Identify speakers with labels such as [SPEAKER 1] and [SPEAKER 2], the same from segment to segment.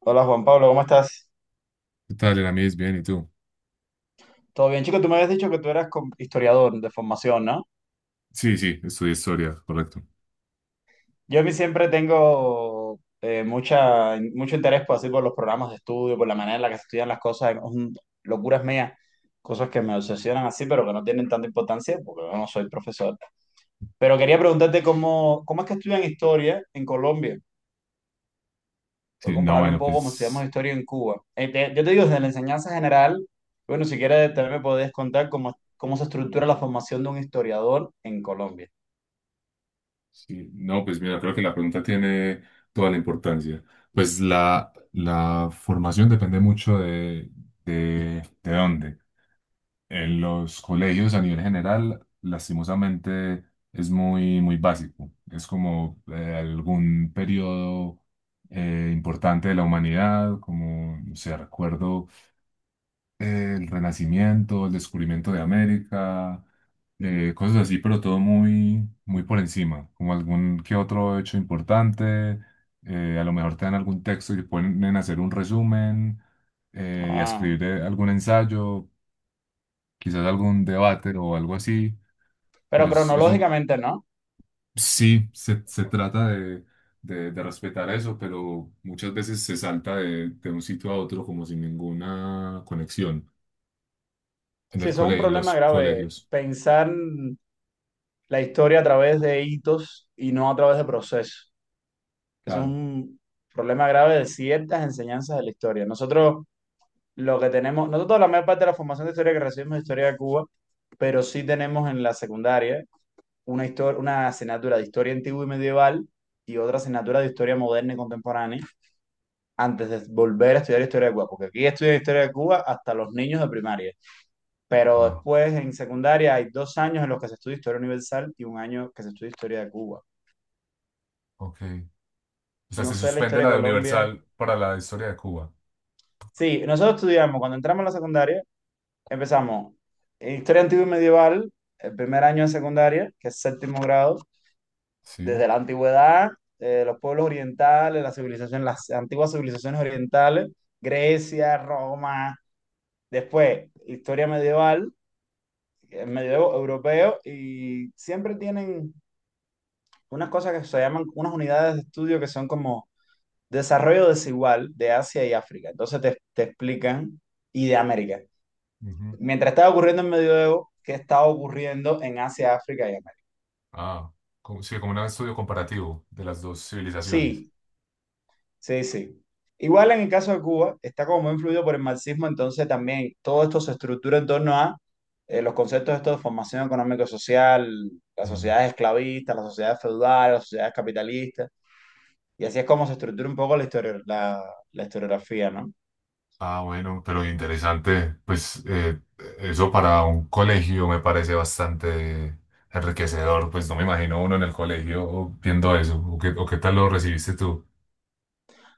[SPEAKER 1] Hola Juan Pablo, ¿cómo estás?
[SPEAKER 2] ¿Qué tal, Eramis? Bien, ¿y tú?
[SPEAKER 1] Todo bien, chico, tú me habías dicho que tú eras historiador de formación, ¿no?
[SPEAKER 2] Sí, sí, estudié historia, correcto.
[SPEAKER 1] Yo a mí siempre tengo mucho interés por, así, por los programas de estudio, por la manera en la que se estudian las cosas, son locuras mías, cosas que me obsesionan así, pero que no tienen tanta importancia porque yo no soy profesor. Pero quería preguntarte cómo es que estudian historia en Colombia. Voy a
[SPEAKER 2] Sí, no,
[SPEAKER 1] compararlo un
[SPEAKER 2] bueno,
[SPEAKER 1] poco como estudiamos
[SPEAKER 2] pues,
[SPEAKER 1] historia en Cuba. Yo te digo, desde la enseñanza general, bueno, si quieres también me podés contar cómo se estructura la formación de un historiador en Colombia.
[SPEAKER 2] sí, no, pues mira, creo que la pregunta tiene toda la importancia. Pues la formación depende mucho de dónde. En los colegios, a nivel general, lastimosamente es muy, muy básico. Es como algún periodo importante de la humanidad, como, no sé, recuerdo el Renacimiento, el descubrimiento de América, cosas así, pero todo muy, muy por encima, como algún que otro hecho importante, a lo mejor te dan algún texto y te ponen a hacer un resumen y a
[SPEAKER 1] Ah,
[SPEAKER 2] escribir algún ensayo, quizás algún debate o algo así,
[SPEAKER 1] pero
[SPEAKER 2] pero eso
[SPEAKER 1] cronológicamente no.
[SPEAKER 2] sí se trata de, de respetar eso, pero muchas veces se salta de un sitio a otro como sin ninguna conexión en
[SPEAKER 1] Sí,
[SPEAKER 2] el
[SPEAKER 1] eso es un
[SPEAKER 2] cole, en
[SPEAKER 1] problema
[SPEAKER 2] los
[SPEAKER 1] grave,
[SPEAKER 2] colegios.
[SPEAKER 1] pensar la historia a través de hitos y no a través de procesos. Eso es
[SPEAKER 2] Claro.
[SPEAKER 1] un problema grave de ciertas enseñanzas de la historia. Nosotros lo que tenemos, nosotros la mayor parte de la formación de historia que recibimos es historia de Cuba, pero sí tenemos en la secundaria una asignatura de historia antigua y medieval y otra asignatura de historia moderna y contemporánea antes de volver a estudiar historia de Cuba, porque aquí estudian historia de Cuba hasta los niños de primaria, pero
[SPEAKER 2] Ah,
[SPEAKER 1] después en secundaria hay 2 años en los que se estudia historia universal y un año que se estudia historia de Cuba.
[SPEAKER 2] ok. O sea, se
[SPEAKER 1] No sé la
[SPEAKER 2] suspende
[SPEAKER 1] historia
[SPEAKER 2] la
[SPEAKER 1] de
[SPEAKER 2] de
[SPEAKER 1] Colombia.
[SPEAKER 2] Universal para la historia de Cuba.
[SPEAKER 1] Sí, nosotros estudiamos, cuando entramos a la secundaria, empezamos en historia antigua y medieval, el primer año de secundaria, que es séptimo grado,
[SPEAKER 2] Sí.
[SPEAKER 1] desde la antigüedad, los pueblos orientales, las civilizaciones, las antiguas civilizaciones orientales, Grecia, Roma, después historia medieval, medievo europeo, y siempre tienen unas cosas que se llaman, unas unidades de estudio que son como desarrollo desigual de Asia y África. Entonces te explican, y de América.
[SPEAKER 2] Ujú.
[SPEAKER 1] Mientras estaba ocurriendo en medioevo, ¿qué estaba ocurriendo en Asia, África y América?
[SPEAKER 2] Ah, como, sí, como un estudio comparativo de las dos civilizaciones.
[SPEAKER 1] Sí, sí, sí. Igual en el caso de Cuba, está como muy influido por el marxismo, entonces también todo esto se estructura en torno a los conceptos estos de formación económico-social, las
[SPEAKER 2] Mm.
[SPEAKER 1] sociedades esclavistas, las sociedades feudales, las sociedades capitalistas, y así es como se estructura un poco la historia, la historiografía, ¿no?
[SPEAKER 2] Ah, bueno, pero interesante. Pues eso para un colegio me parece bastante enriquecedor. Pues no me imagino uno en el colegio viendo eso. O qué tal lo recibiste tú?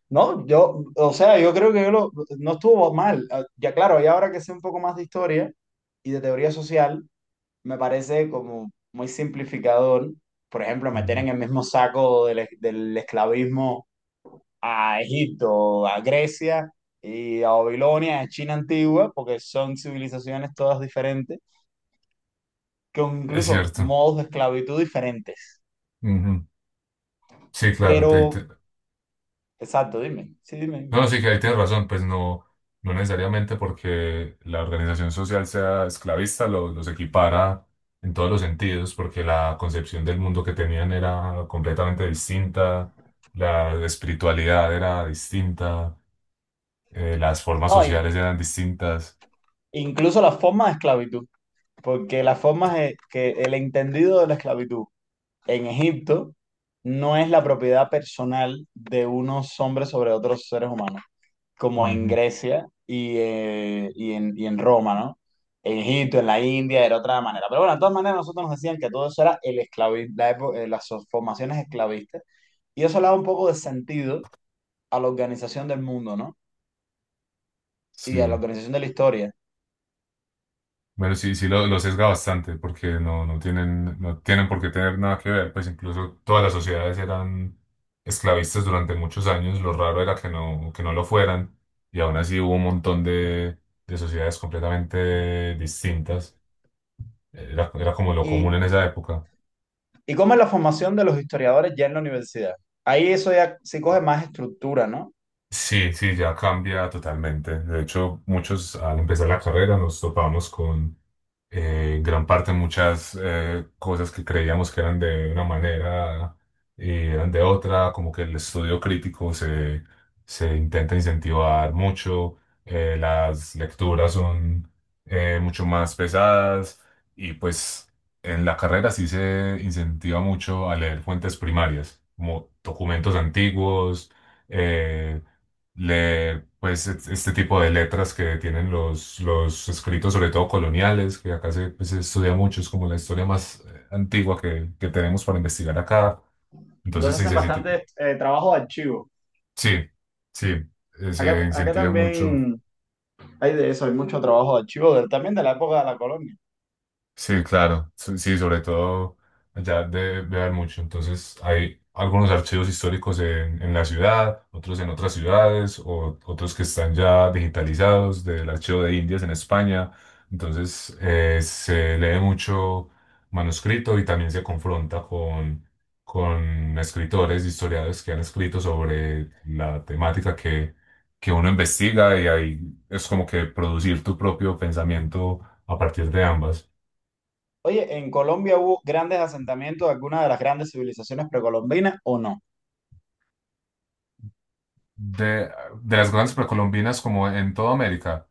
[SPEAKER 1] No, yo, o sea, yo creo que no estuvo mal. Ah, ya claro, y ahora que sé un poco más de historia y de teoría social, me parece como muy simplificador, por ejemplo, meter
[SPEAKER 2] Ujú.
[SPEAKER 1] en el mismo saco del esclavismo a Egipto, a Grecia y a Babilonia, a China antigua, porque son civilizaciones todas diferentes, con
[SPEAKER 2] Es
[SPEAKER 1] incluso
[SPEAKER 2] cierto.
[SPEAKER 1] modos de esclavitud diferentes.
[SPEAKER 2] Ujú. Sí, claro.
[SPEAKER 1] Pero, exacto, dime, sí, dime.
[SPEAKER 2] No, sí que ahí tienes razón, pues no, no necesariamente porque la organización social sea esclavista los equipara en todos los sentidos, porque la concepción del mundo que tenían era completamente distinta, la espiritualidad era distinta, las formas
[SPEAKER 1] No,
[SPEAKER 2] sociales eran distintas.
[SPEAKER 1] incluso las formas de esclavitud, porque que el entendido de la esclavitud en Egipto no es la propiedad personal de unos hombres sobre otros seres humanos, como en
[SPEAKER 2] Ujú.
[SPEAKER 1] Grecia y en Roma, ¿no? En Egipto, en la India, era otra manera. Pero bueno, de todas maneras, nosotros nos decían que todo eso era el esclavi- la epo- las formaciones esclavistas, y eso le da un poco de sentido a la organización del mundo, ¿no? Y a la
[SPEAKER 2] Sí.
[SPEAKER 1] organización de la historia.
[SPEAKER 2] Bueno, sí, sí lo sesga bastante porque no, no tienen, no tienen por qué tener nada que ver, pues incluso todas las sociedades eran esclavistas durante muchos años, lo raro era que no lo fueran, y aún así hubo un montón de sociedades completamente distintas, era, era como lo común
[SPEAKER 1] Y,
[SPEAKER 2] en esa época.
[SPEAKER 1] y cómo es la formación de los historiadores ya en la universidad. Ahí eso ya se coge más estructura, ¿no?
[SPEAKER 2] Sí, sí, ya cambia totalmente. De hecho, muchos al empezar la carrera nos topamos con en gran parte muchas cosas que creíamos que eran de una manera y eran de otra, como que el estudio crítico se intenta incentivar mucho, las lecturas son mucho más pesadas y pues en la carrera sí se incentiva mucho a leer fuentes primarias, como documentos antiguos eh, pues este tipo de letras que tienen los escritos, sobre todo coloniales, que acá se, pues, se estudia mucho, es como la historia más antigua que tenemos para investigar acá. Entonces,
[SPEAKER 1] Entonces
[SPEAKER 2] sí,
[SPEAKER 1] hacen
[SPEAKER 2] sí, sí,
[SPEAKER 1] bastante trabajo de archivo.
[SPEAKER 2] sí, sí, se
[SPEAKER 1] Acá
[SPEAKER 2] incentiva mucho.
[SPEAKER 1] también hay de eso, hay mucho trabajo de archivo, también de la época de la colonia.
[SPEAKER 2] Sí, claro, sí, sí, sobre todo allá debe haber mucho. Entonces, hay algunos archivos históricos en la ciudad, otros en otras ciudades, o otros que están ya digitalizados del Archivo de Indias en España. Entonces, se lee mucho manuscrito y también se confronta con escritores, historiadores que han escrito sobre la temática que uno investiga y ahí es como que producir tu propio pensamiento a partir de ambas.
[SPEAKER 1] Oye, ¿en Colombia hubo grandes asentamientos de alguna de las grandes civilizaciones precolombinas o no?
[SPEAKER 2] de, de las grandes precolombinas como en toda América,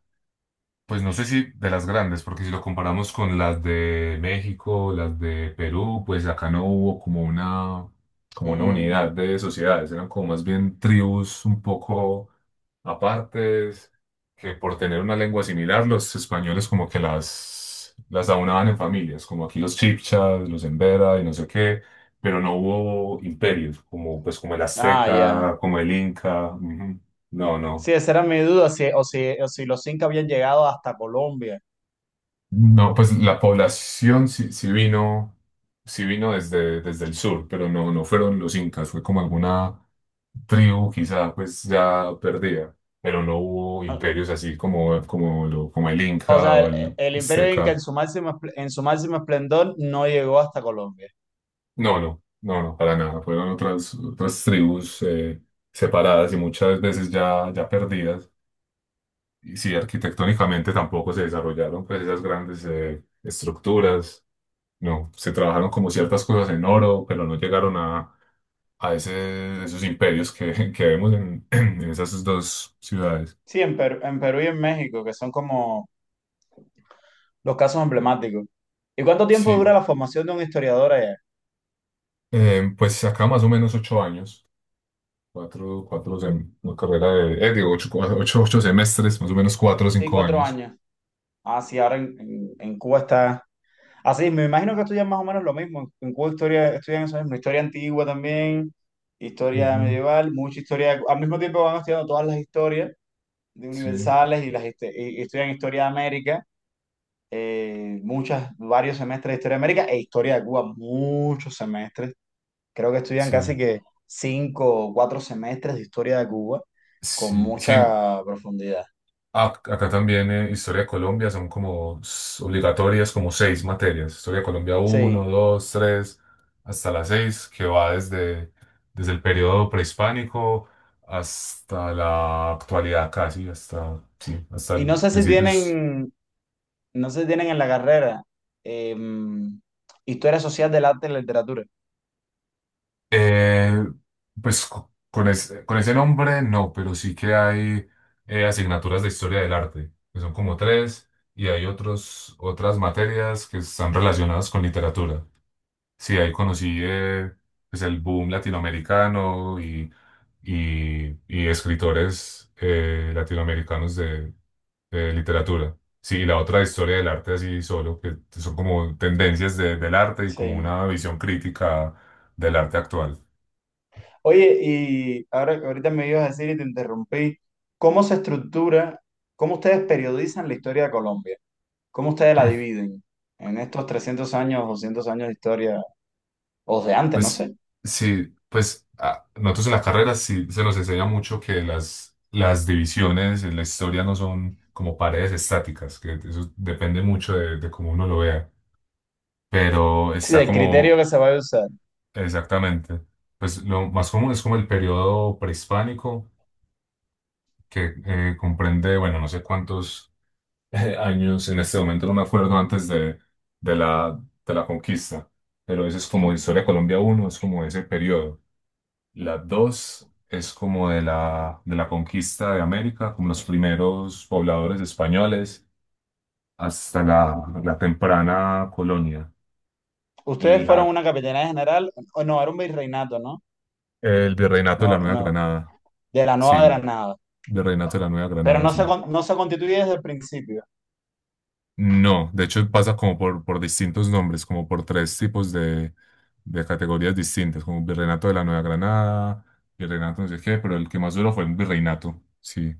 [SPEAKER 2] pues no sé si de las grandes, porque si lo comparamos con las de México, las de Perú, pues acá no hubo como una
[SPEAKER 1] Mm.
[SPEAKER 2] unidad de sociedades, eran como más bien tribus un poco. Aparte, es que por tener una lengua similar, los españoles como que las aunaban en familias, como aquí los chipchas, los embera y no sé qué, pero no hubo imperios, como, pues, como el
[SPEAKER 1] Ah, ya.
[SPEAKER 2] azteca, como el inca. Ujú. No,
[SPEAKER 1] Sí,
[SPEAKER 2] no.
[SPEAKER 1] esa era mi duda, si los incas habían llegado hasta Colombia.
[SPEAKER 2] No, pues la población sí, sí vino desde, desde el sur, pero no, no fueron los incas, fue como alguna tribu quizá pues ya perdida, pero no hubo imperios así como, como, lo, como el
[SPEAKER 1] O
[SPEAKER 2] Inca
[SPEAKER 1] sea,
[SPEAKER 2] o
[SPEAKER 1] el,
[SPEAKER 2] el
[SPEAKER 1] el imperio inca
[SPEAKER 2] Azteca.
[SPEAKER 1] en su máximo esplendor no llegó hasta Colombia.
[SPEAKER 2] No, no, no, no, para nada. Fueron otras, otras tribus separadas y muchas veces ya, ya perdidas. Y sí, arquitectónicamente tampoco se desarrollaron pues esas grandes estructuras. No, se trabajaron como ciertas cosas en oro, pero no llegaron a ese, esos imperios que, que vemos en, en esas dos ciudades.
[SPEAKER 1] Sí, en Perú y en México, que son como los casos emblemáticos. ¿Y cuánto tiempo
[SPEAKER 2] Sí,
[SPEAKER 1] dura la formación de un historiador allá?
[SPEAKER 2] pues acá más o menos ocho años, cuatro, una carrera de, digo, ocho, ocho, ocho semestres, más o menos cuatro o
[SPEAKER 1] Sí,
[SPEAKER 2] cinco
[SPEAKER 1] cuatro
[SPEAKER 2] años.
[SPEAKER 1] años. Ah, sí, ahora en Cuba está. Así, me imagino que estudian más o menos lo mismo. En Cuba historia, estudian eso mismo, historia antigua también, historia
[SPEAKER 2] Ujú.
[SPEAKER 1] medieval, mucha historia. Al mismo tiempo van estudiando todas las historias de
[SPEAKER 2] Sí,
[SPEAKER 1] universales y estudian historia de América, varios semestres de historia de América e historia de Cuba, muchos semestres. Creo que estudian
[SPEAKER 2] sí,
[SPEAKER 1] casi que cinco o cuatro semestres de historia de Cuba con
[SPEAKER 2] sí, sí.
[SPEAKER 1] mucha profundidad.
[SPEAKER 2] Acá también Historia de Colombia son como obligatorias, como seis materias. Historia de Colombia uno
[SPEAKER 1] Sí.
[SPEAKER 2] 2 3 hasta la 6 que va desde, desde el periodo prehispánico hasta la actualidad casi, hasta, sí,
[SPEAKER 1] Y no sé si
[SPEAKER 2] principios.
[SPEAKER 1] tienen, no sé si tienen en la carrera em, historia social del arte y la literatura.
[SPEAKER 2] Eh, pues con ese nombre no, pero sí que hay asignaturas de Historia del Arte, que son como tres, y hay otros, otras materias que están relacionadas con literatura. Sí, ahí conocí pues el boom latinoamericano y escritores latinoamericanos de literatura. Sí, y la otra historia del arte así solo, que son como del arte y como
[SPEAKER 1] Sí.
[SPEAKER 2] una visión crítica del arte actual.
[SPEAKER 1] Oye, y ahora ahorita me ibas a decir y te interrumpí, ¿cómo se estructura, cómo ustedes periodizan la historia de Colombia? ¿Cómo ustedes la
[SPEAKER 2] Hmm.
[SPEAKER 1] dividen en estos 300 años, 200 años de historia, o de antes, no
[SPEAKER 2] Pues
[SPEAKER 1] sé?
[SPEAKER 2] sí, pues nosotros en la carrera sí se nos enseña mucho que las divisiones en la historia no son como paredes estáticas, que eso depende mucho de cómo uno lo vea. Pero
[SPEAKER 1] Sí,
[SPEAKER 2] está
[SPEAKER 1] del criterio
[SPEAKER 2] como
[SPEAKER 1] que se va a usar.
[SPEAKER 2] exactamente, pues lo más común es como el periodo prehispánico, que comprende, bueno, no sé cuántos años, en este momento no me acuerdo antes de la, de la conquista, pero eso es como Historia de Colombia uno es como ese periodo. La 2 es como de la conquista de América, como los primeros pobladores españoles, hasta la, la temprana colonia.
[SPEAKER 1] Ustedes fueron
[SPEAKER 2] La,
[SPEAKER 1] una capitanía general, o no, era un virreinato, ¿no?
[SPEAKER 2] el virreinato de la
[SPEAKER 1] No,
[SPEAKER 2] Nueva
[SPEAKER 1] no,
[SPEAKER 2] Granada.
[SPEAKER 1] de la
[SPEAKER 2] Sí,
[SPEAKER 1] Nueva Granada.
[SPEAKER 2] Virreinato de la Nueva
[SPEAKER 1] Pero
[SPEAKER 2] Granada,
[SPEAKER 1] no se,
[SPEAKER 2] sí.
[SPEAKER 1] con- no se constituye desde el principio.
[SPEAKER 2] No, de hecho pasa como por distintos nombres, como por tres tipos de categorías distintas, como Virreinato de la Nueva Granada, Virreinato no sé qué, pero el que más duró fue el Virreinato, sí.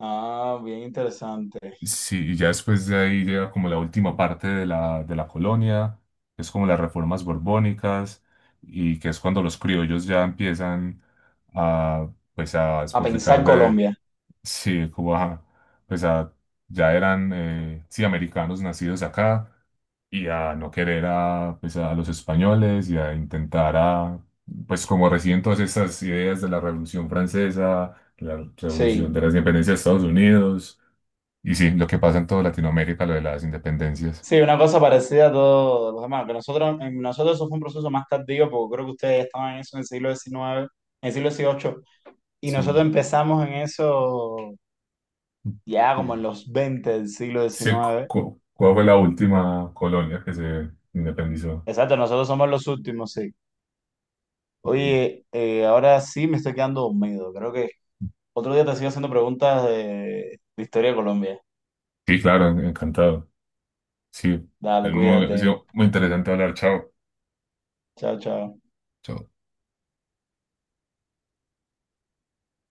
[SPEAKER 1] Ah, bien interesante.
[SPEAKER 2] Sí, y ya después de ahí llega como la última parte de la colonia, que es como las reformas borbónicas, y que es cuando los criollos ya empiezan a, pues a
[SPEAKER 1] A pensar
[SPEAKER 2] despotricar de,
[SPEAKER 1] Colombia.
[SPEAKER 2] sí, como a, pues a, ya eran, sí, americanos nacidos acá, y a no querer a, pues, a los españoles y a intentar a, pues como recién todas esas ideas de la Revolución Francesa, la Revolución
[SPEAKER 1] Sí.
[SPEAKER 2] de las Independencias de Estados Unidos, y sí, lo que pasa en toda Latinoamérica, lo de las independencias.
[SPEAKER 1] Sí, una cosa parecida a todos los demás. Que en nosotros eso fue un proceso más tardío, porque creo que ustedes ya estaban en eso en el siglo XIX, en el siglo XVIII, y
[SPEAKER 2] Sí.
[SPEAKER 1] nosotros empezamos en eso ya como en
[SPEAKER 2] Sí.
[SPEAKER 1] los 20 del siglo
[SPEAKER 2] Sí,
[SPEAKER 1] XIX.
[SPEAKER 2] ¿cuál fue la última colonia que se independizó?
[SPEAKER 1] Exacto, nosotros somos los últimos, sí. Oye, ahora sí me estoy quedando dormido. Creo que otro día te sigo haciendo preguntas de historia de Colombia.
[SPEAKER 2] Sí, claro, encantado. Sí,
[SPEAKER 1] Dale,
[SPEAKER 2] es muy, ha
[SPEAKER 1] cuídate.
[SPEAKER 2] sido muy interesante hablar. Chao.
[SPEAKER 1] Chao, chao.
[SPEAKER 2] Chao.